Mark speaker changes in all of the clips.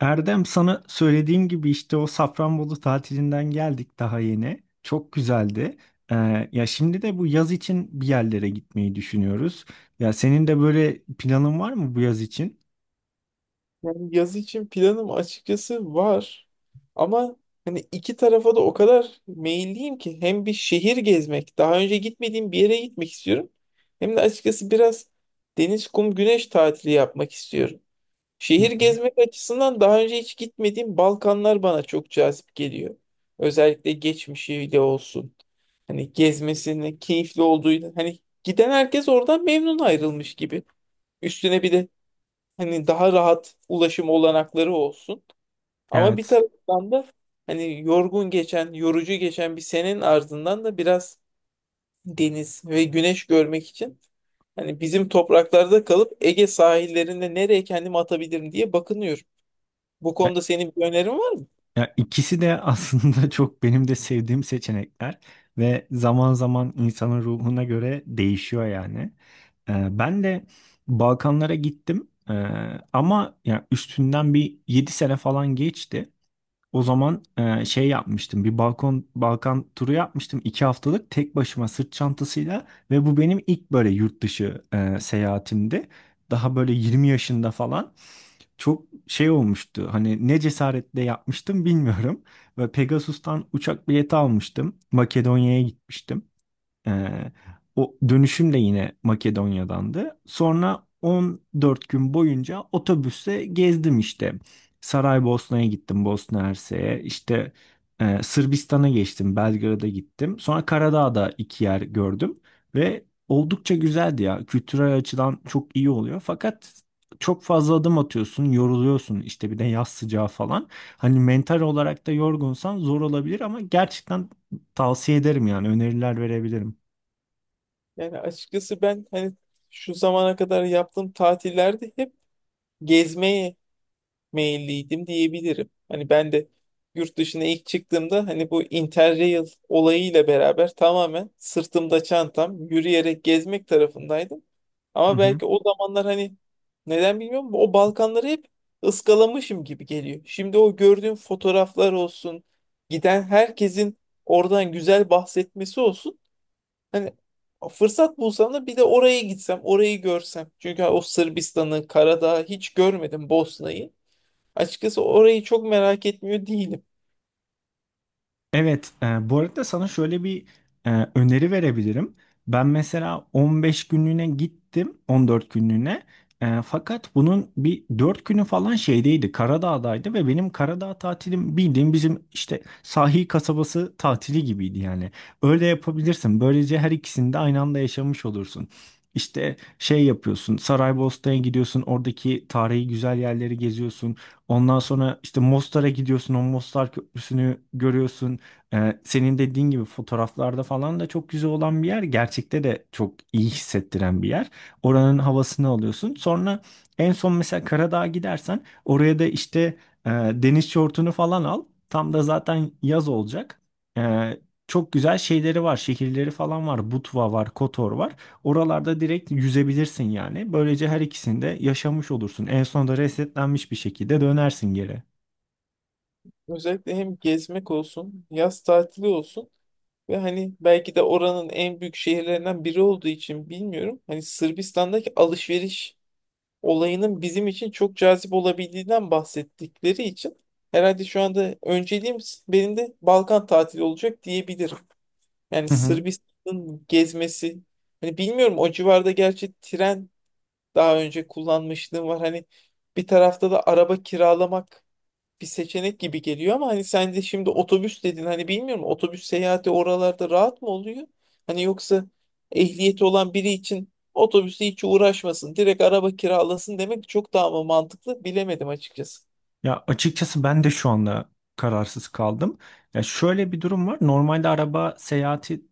Speaker 1: Erdem sana söylediğim gibi işte o Safranbolu tatilinden geldik daha yeni. Çok güzeldi. Ya şimdi de bu yaz için bir yerlere gitmeyi düşünüyoruz. Ya senin de böyle planın var mı bu yaz için?
Speaker 2: Yani yaz için planım açıkçası var. Ama hani iki tarafa da o kadar meyilliyim ki hem bir şehir gezmek, daha önce gitmediğim bir yere gitmek istiyorum. Hem de açıkçası biraz deniz, kum, güneş tatili yapmak istiyorum.
Speaker 1: Hı
Speaker 2: Şehir
Speaker 1: hı.
Speaker 2: gezmek açısından daha önce hiç gitmediğim Balkanlar bana çok cazip geliyor. Özellikle geçmişiyle olsun. Hani gezmesinin keyifli olduğuyla hani giden herkes oradan memnun ayrılmış gibi. Üstüne bir de hani daha rahat ulaşım olanakları olsun. Ama bir
Speaker 1: Evet.
Speaker 2: taraftan da hani yorgun geçen, yorucu geçen bir senenin ardından da biraz deniz ve güneş görmek için hani bizim topraklarda kalıp Ege sahillerinde nereye kendimi atabilirim diye bakınıyorum. Bu
Speaker 1: Ya,
Speaker 2: konuda senin bir önerin var mı?
Speaker 1: ya, ikisi de aslında çok benim de sevdiğim seçenekler ve zaman zaman insanın ruhuna göre değişiyor yani. Ben de Balkanlara gittim. Ama ya üstünden bir 7 sene falan geçti. O zaman şey yapmıştım. Bir Balkan turu yapmıştım. İki haftalık tek başıma sırt çantasıyla ve bu benim ilk böyle yurt dışı seyahatimdi. Daha böyle 20 yaşında falan çok şey olmuştu. Hani ne cesaretle yapmıştım bilmiyorum. Ve Pegasus'tan uçak bileti almıştım. Makedonya'ya gitmiştim. Ee, O dönüşüm de yine Makedonya'dandı. Sonra 14 gün boyunca otobüste gezdim işte. Saraybosna'ya gittim, Bosna Hersek'e. İşte Sırbistan'a geçtim, Belgrad'a gittim. Sonra Karadağ'da iki yer gördüm ve oldukça güzeldi ya. Kültürel açıdan çok iyi oluyor. Fakat çok fazla adım atıyorsun, yoruluyorsun. İşte bir de yaz sıcağı falan. Hani mental olarak da yorgunsan zor olabilir ama gerçekten tavsiye ederim yani öneriler verebilirim.
Speaker 2: Yani açıkçası ben hani şu zamana kadar yaptığım tatillerde hep gezmeye meyilliydim diyebilirim. Hani ben de yurt dışına ilk çıktığımda hani bu Interrail olayıyla beraber tamamen sırtımda çantam yürüyerek gezmek tarafındaydım.
Speaker 1: Hı
Speaker 2: Ama
Speaker 1: hı.
Speaker 2: belki o zamanlar hani neden bilmiyorum o Balkanları hep ıskalamışım gibi geliyor. Şimdi o gördüğüm fotoğraflar olsun, giden herkesin oradan güzel bahsetmesi olsun. Hani fırsat bulsam da bir de oraya gitsem, orayı görsem. Çünkü o Sırbistan'ı, Karadağ'ı hiç görmedim, Bosna'yı. Açıkçası orayı çok merak etmiyor değilim.
Speaker 1: Evet, bu arada sana şöyle bir öneri verebilirim. Ben mesela 15 günlüğüne gittim, 14 günlüğüne. Fakat bunun bir 4 günü falan şeydeydi, Karadağ'daydı ve benim Karadağ tatilim bildiğim bizim işte sahil kasabası tatili gibiydi yani. Öyle yapabilirsin. Böylece her ikisini de aynı anda yaşamış olursun. İşte şey yapıyorsun, Saraybosna'ya gidiyorsun, oradaki tarihi güzel yerleri geziyorsun. Ondan sonra işte Mostar'a gidiyorsun, o Mostar Köprüsü'nü görüyorsun. Senin dediğin gibi fotoğraflarda falan da çok güzel olan bir yer. Gerçekte de çok iyi hissettiren bir yer. Oranın havasını alıyorsun. Sonra en son mesela Karadağ'a gidersen oraya da işte deniz şortunu falan al. Tam da zaten yaz olacak. Ee, Çok güzel şeyleri var. Şehirleri falan var. Butva var, Kotor var. Oralarda direkt yüzebilirsin yani. Böylece her ikisini de yaşamış olursun. En sonunda resetlenmiş bir şekilde dönersin geri.
Speaker 2: Özellikle hem gezmek olsun, yaz tatili olsun ve hani belki de oranın en büyük şehirlerinden biri olduğu için bilmiyorum. Hani Sırbistan'daki alışveriş olayının bizim için çok cazip olabildiğinden bahsettikleri için herhalde şu anda önceliğim benim de Balkan tatili olacak diyebilirim. Yani
Speaker 1: Hı hı.
Speaker 2: Sırbistan'ın gezmesi, hani bilmiyorum o civarda gerçi tren daha önce kullanmışlığım var. Hani bir tarafta da araba kiralamak bir seçenek gibi geliyor ama hani sen de şimdi otobüs dedin, hani bilmiyorum, otobüs seyahati oralarda rahat mı oluyor? Hani yoksa ehliyeti olan biri için otobüsle hiç uğraşmasın, direkt araba kiralasın demek çok daha mı mantıklı bilemedim açıkçası.
Speaker 1: Ya açıkçası ben de şu anda kararsız kaldım. Ya şöyle bir durum var. Normalde araba seyahati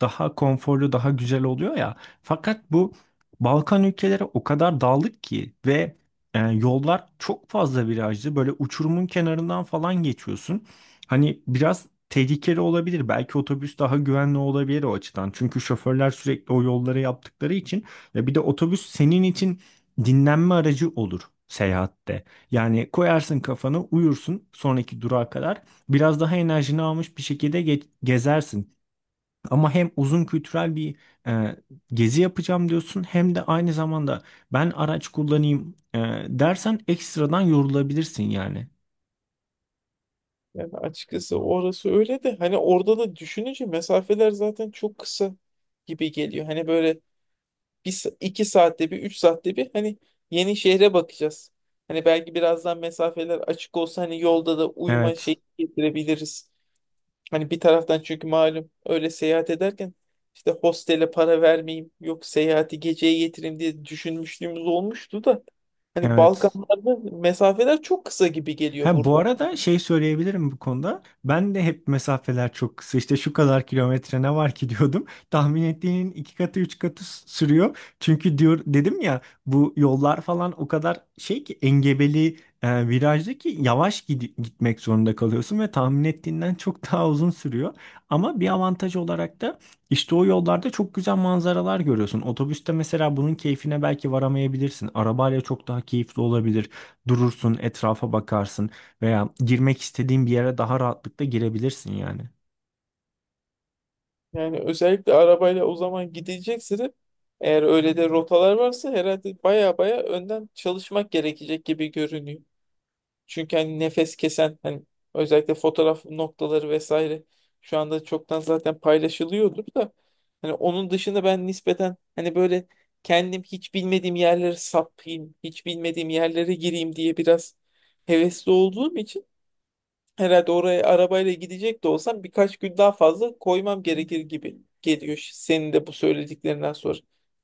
Speaker 1: daha konforlu, daha güzel oluyor ya. Fakat bu Balkan ülkeleri o kadar dağlık ki ve yollar çok fazla virajlı. Böyle uçurumun kenarından falan geçiyorsun. Hani biraz tehlikeli olabilir. Belki otobüs daha güvenli olabilir o açıdan. Çünkü şoförler sürekli o yolları yaptıkları için. Ya bir de otobüs senin için dinlenme aracı olur seyahatte. Yani koyarsın kafanı uyursun sonraki durağa kadar. Biraz daha enerjini almış bir şekilde gezersin. Ama hem uzun kültürel bir e, gezi yapacağım diyorsun hem de aynı zamanda ben araç kullanayım, dersen ekstradan yorulabilirsin yani.
Speaker 2: Yani açıkçası orası öyle de hani orada da düşününce mesafeler zaten çok kısa gibi geliyor. Hani böyle bir, iki saatte bir, üç saatte bir hani yeni şehre bakacağız. Hani belki birazdan mesafeler açık olsa hani yolda da uyuma
Speaker 1: Evet,
Speaker 2: şeyi getirebiliriz. Hani bir taraftan çünkü malum öyle seyahat ederken işte hostele para vermeyeyim, yok seyahati geceye getireyim diye düşünmüşlüğümüz olmuştu da hani
Speaker 1: evet.
Speaker 2: Balkanlarda mesafeler çok kısa gibi geliyor
Speaker 1: Ha, bu
Speaker 2: burada.
Speaker 1: arada şey söyleyebilirim bu konuda. Ben de hep mesafeler çok kısa. İşte şu kadar kilometre ne var ki diyordum. Tahmin ettiğinin iki katı üç katı sürüyor. Çünkü diyor dedim ya bu yollar falan o kadar şey ki engebeli, virajlı ki yavaş gitmek zorunda kalıyorsun ve tahmin ettiğinden çok daha uzun sürüyor. Ama bir avantaj olarak da işte o yollarda çok güzel manzaralar görüyorsun. Otobüste mesela bunun keyfine belki varamayabilirsin. Arabayla çok daha keyifli olabilir, durursun, etrafa bakarsın. Veya girmek istediğin bir yere daha rahatlıkla girebilirsin yani.
Speaker 2: Yani özellikle arabayla o zaman gidecekse de eğer öyle de rotalar varsa herhalde baya baya önden çalışmak gerekecek gibi görünüyor. Çünkü hani nefes kesen hani özellikle fotoğraf noktaları vesaire şu anda çoktan zaten paylaşılıyordur da hani onun dışında ben nispeten hani böyle kendim hiç bilmediğim yerlere sapayım, hiç bilmediğim yerlere gireyim diye biraz hevesli olduğum için herhalde oraya arabayla gidecek de olsam birkaç gün daha fazla koymam gerekir gibi geliyor senin de bu söylediklerinden sonra.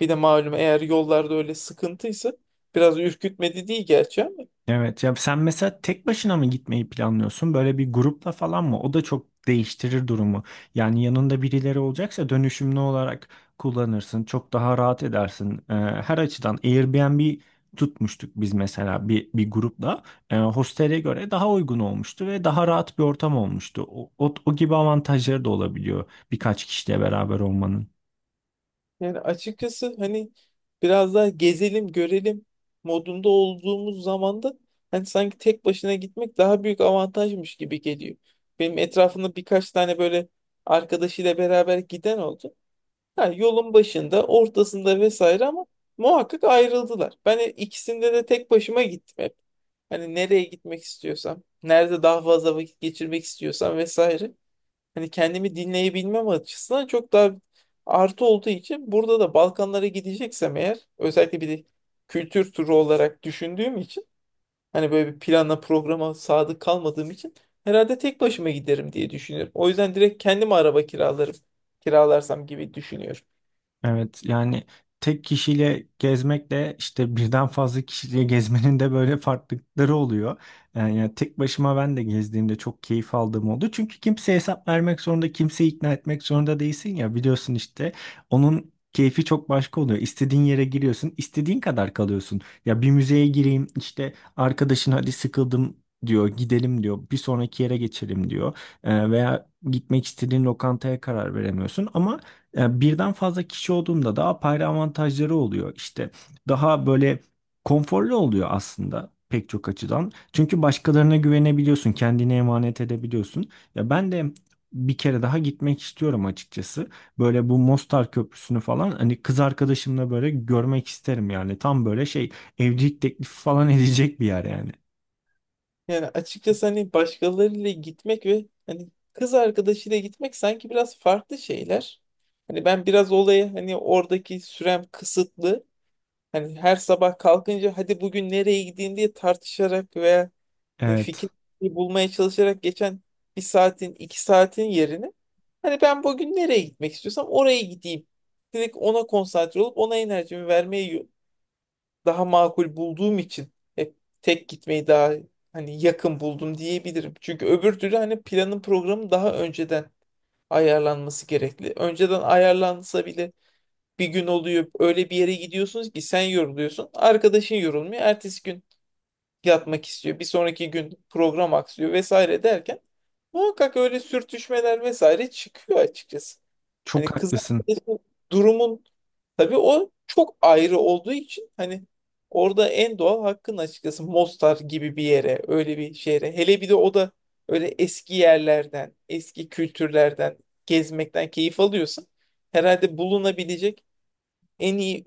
Speaker 2: Bir de malum eğer yollarda öyle sıkıntıysa biraz ürkütmedi değil gerçi ama.
Speaker 1: Evet, ya sen mesela tek başına mı gitmeyi planlıyorsun? Böyle bir grupla falan mı? O da çok değiştirir durumu. Yani yanında birileri olacaksa dönüşümlü olarak kullanırsın. Çok daha rahat edersin. Her açıdan Airbnb tutmuştuk biz mesela bir grupla. Hostele göre daha uygun olmuştu ve daha rahat bir ortam olmuştu. O gibi avantajları da olabiliyor birkaç kişiyle beraber olmanın.
Speaker 2: Yani açıkçası hani biraz daha gezelim, görelim modunda olduğumuz zaman da hani sanki tek başına gitmek daha büyük avantajmış gibi geliyor. Benim etrafımda birkaç tane böyle arkadaşıyla beraber giden oldu. Ha, yolun başında, ortasında vesaire ama muhakkak ayrıldılar. Ben ikisinde de tek başıma gittim hep. Hani nereye gitmek istiyorsam, nerede daha fazla vakit geçirmek istiyorsam vesaire hani kendimi dinleyebilmem açısından çok daha artı olduğu için burada da Balkanlara gideceksem eğer özellikle bir de kültür turu olarak düşündüğüm için hani böyle bir plana programa sadık kalmadığım için herhalde tek başıma giderim diye düşünüyorum. O yüzden direkt kendime araba kiralarım, kiralarsam gibi düşünüyorum.
Speaker 1: Evet yani tek kişiyle gezmekle işte birden fazla kişiyle gezmenin de böyle farklılıkları oluyor. Yani, tek başıma ben de gezdiğimde çok keyif aldığım oldu. Çünkü kimseye hesap vermek zorunda, kimseyi ikna etmek zorunda değilsin ya, biliyorsun işte. Onun keyfi çok başka oluyor. İstediğin yere giriyorsun, istediğin kadar kalıyorsun. Ya bir müzeye gireyim işte, arkadaşın hadi sıkıldım diyor, gidelim diyor. Bir sonraki yere geçelim diyor. Veya gitmek istediğin lokantaya karar veremiyorsun ama birden fazla kişi olduğunda daha apayrı avantajları oluyor. İşte daha böyle konforlu oluyor aslında pek çok açıdan. Çünkü başkalarına güvenebiliyorsun, kendine emanet edebiliyorsun. Ya ben de bir kere daha gitmek istiyorum açıkçası. Böyle bu Mostar Köprüsü'nü falan hani kız arkadaşımla böyle görmek isterim yani. Tam böyle şey, evlilik teklifi falan edecek bir yer yani.
Speaker 2: Yani açıkçası hani başkalarıyla gitmek ve hani kız arkadaşıyla gitmek sanki biraz farklı şeyler. Hani ben biraz olayı hani oradaki sürem kısıtlı. Hani her sabah kalkınca hadi bugün nereye gideyim diye tartışarak veya hani fikir
Speaker 1: Evet.
Speaker 2: bulmaya çalışarak geçen bir saatin iki saatin yerine hani ben bugün nereye gitmek istiyorsam oraya gideyim. Direkt ona konsantre olup ona enerjimi vermeye daha makul bulduğum için hep tek gitmeyi daha hani yakın buldum diyebilirim. Çünkü öbür türlü hani planın programı daha önceden ayarlanması gerekli. Önceden ayarlansa bile bir gün oluyor öyle bir yere gidiyorsunuz ki sen yoruluyorsun, arkadaşın yorulmuyor, ertesi gün yatmak istiyor, bir sonraki gün program aksıyor vesaire derken muhakkak öyle sürtüşmeler vesaire çıkıyor açıkçası. Hani
Speaker 1: Çok
Speaker 2: kız
Speaker 1: haklısın.
Speaker 2: arkadaşı durumun, tabii o çok ayrı olduğu için hani orada en doğal hakkın açıkçası Mostar gibi bir yere, öyle bir şehre. Hele bir de o da öyle eski yerlerden, eski kültürlerden gezmekten keyif alıyorsan herhalde bulunabilecek en iyi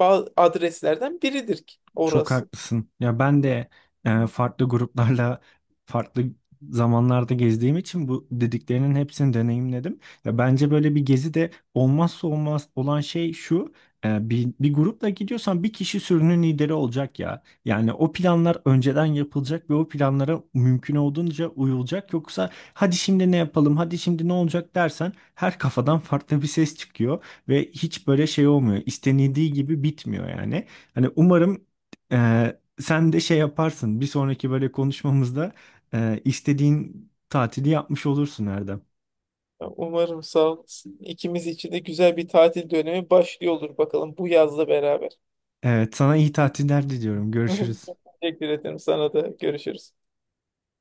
Speaker 2: adreslerden biridir ki
Speaker 1: Çok
Speaker 2: orası.
Speaker 1: haklısın. Ya ben de farklı gruplarla farklı zamanlarda gezdiğim için bu dediklerinin hepsini deneyimledim. Ya bence böyle bir gezi de olmazsa olmaz olan şey şu. Bir grupla gidiyorsan bir kişi sürünün lideri olacak ya. Yani o planlar önceden yapılacak ve o planlara mümkün olduğunca uyulacak. Yoksa hadi şimdi ne yapalım, hadi şimdi ne olacak dersen her kafadan farklı bir ses çıkıyor ve hiç böyle şey olmuyor. İstenildiği gibi bitmiyor yani. Hani umarım sen de şey yaparsın. Bir sonraki böyle konuşmamızda istediğin tatili yapmış olursun, Erdem.
Speaker 2: Ya umarım sağ olasın. İkimiz için de güzel bir tatil dönemi başlıyor olur bakalım bu yazla beraber.
Speaker 1: Evet, sana iyi tatiller diliyorum. Görüşürüz.
Speaker 2: Teşekkür ederim, sana da görüşürüz.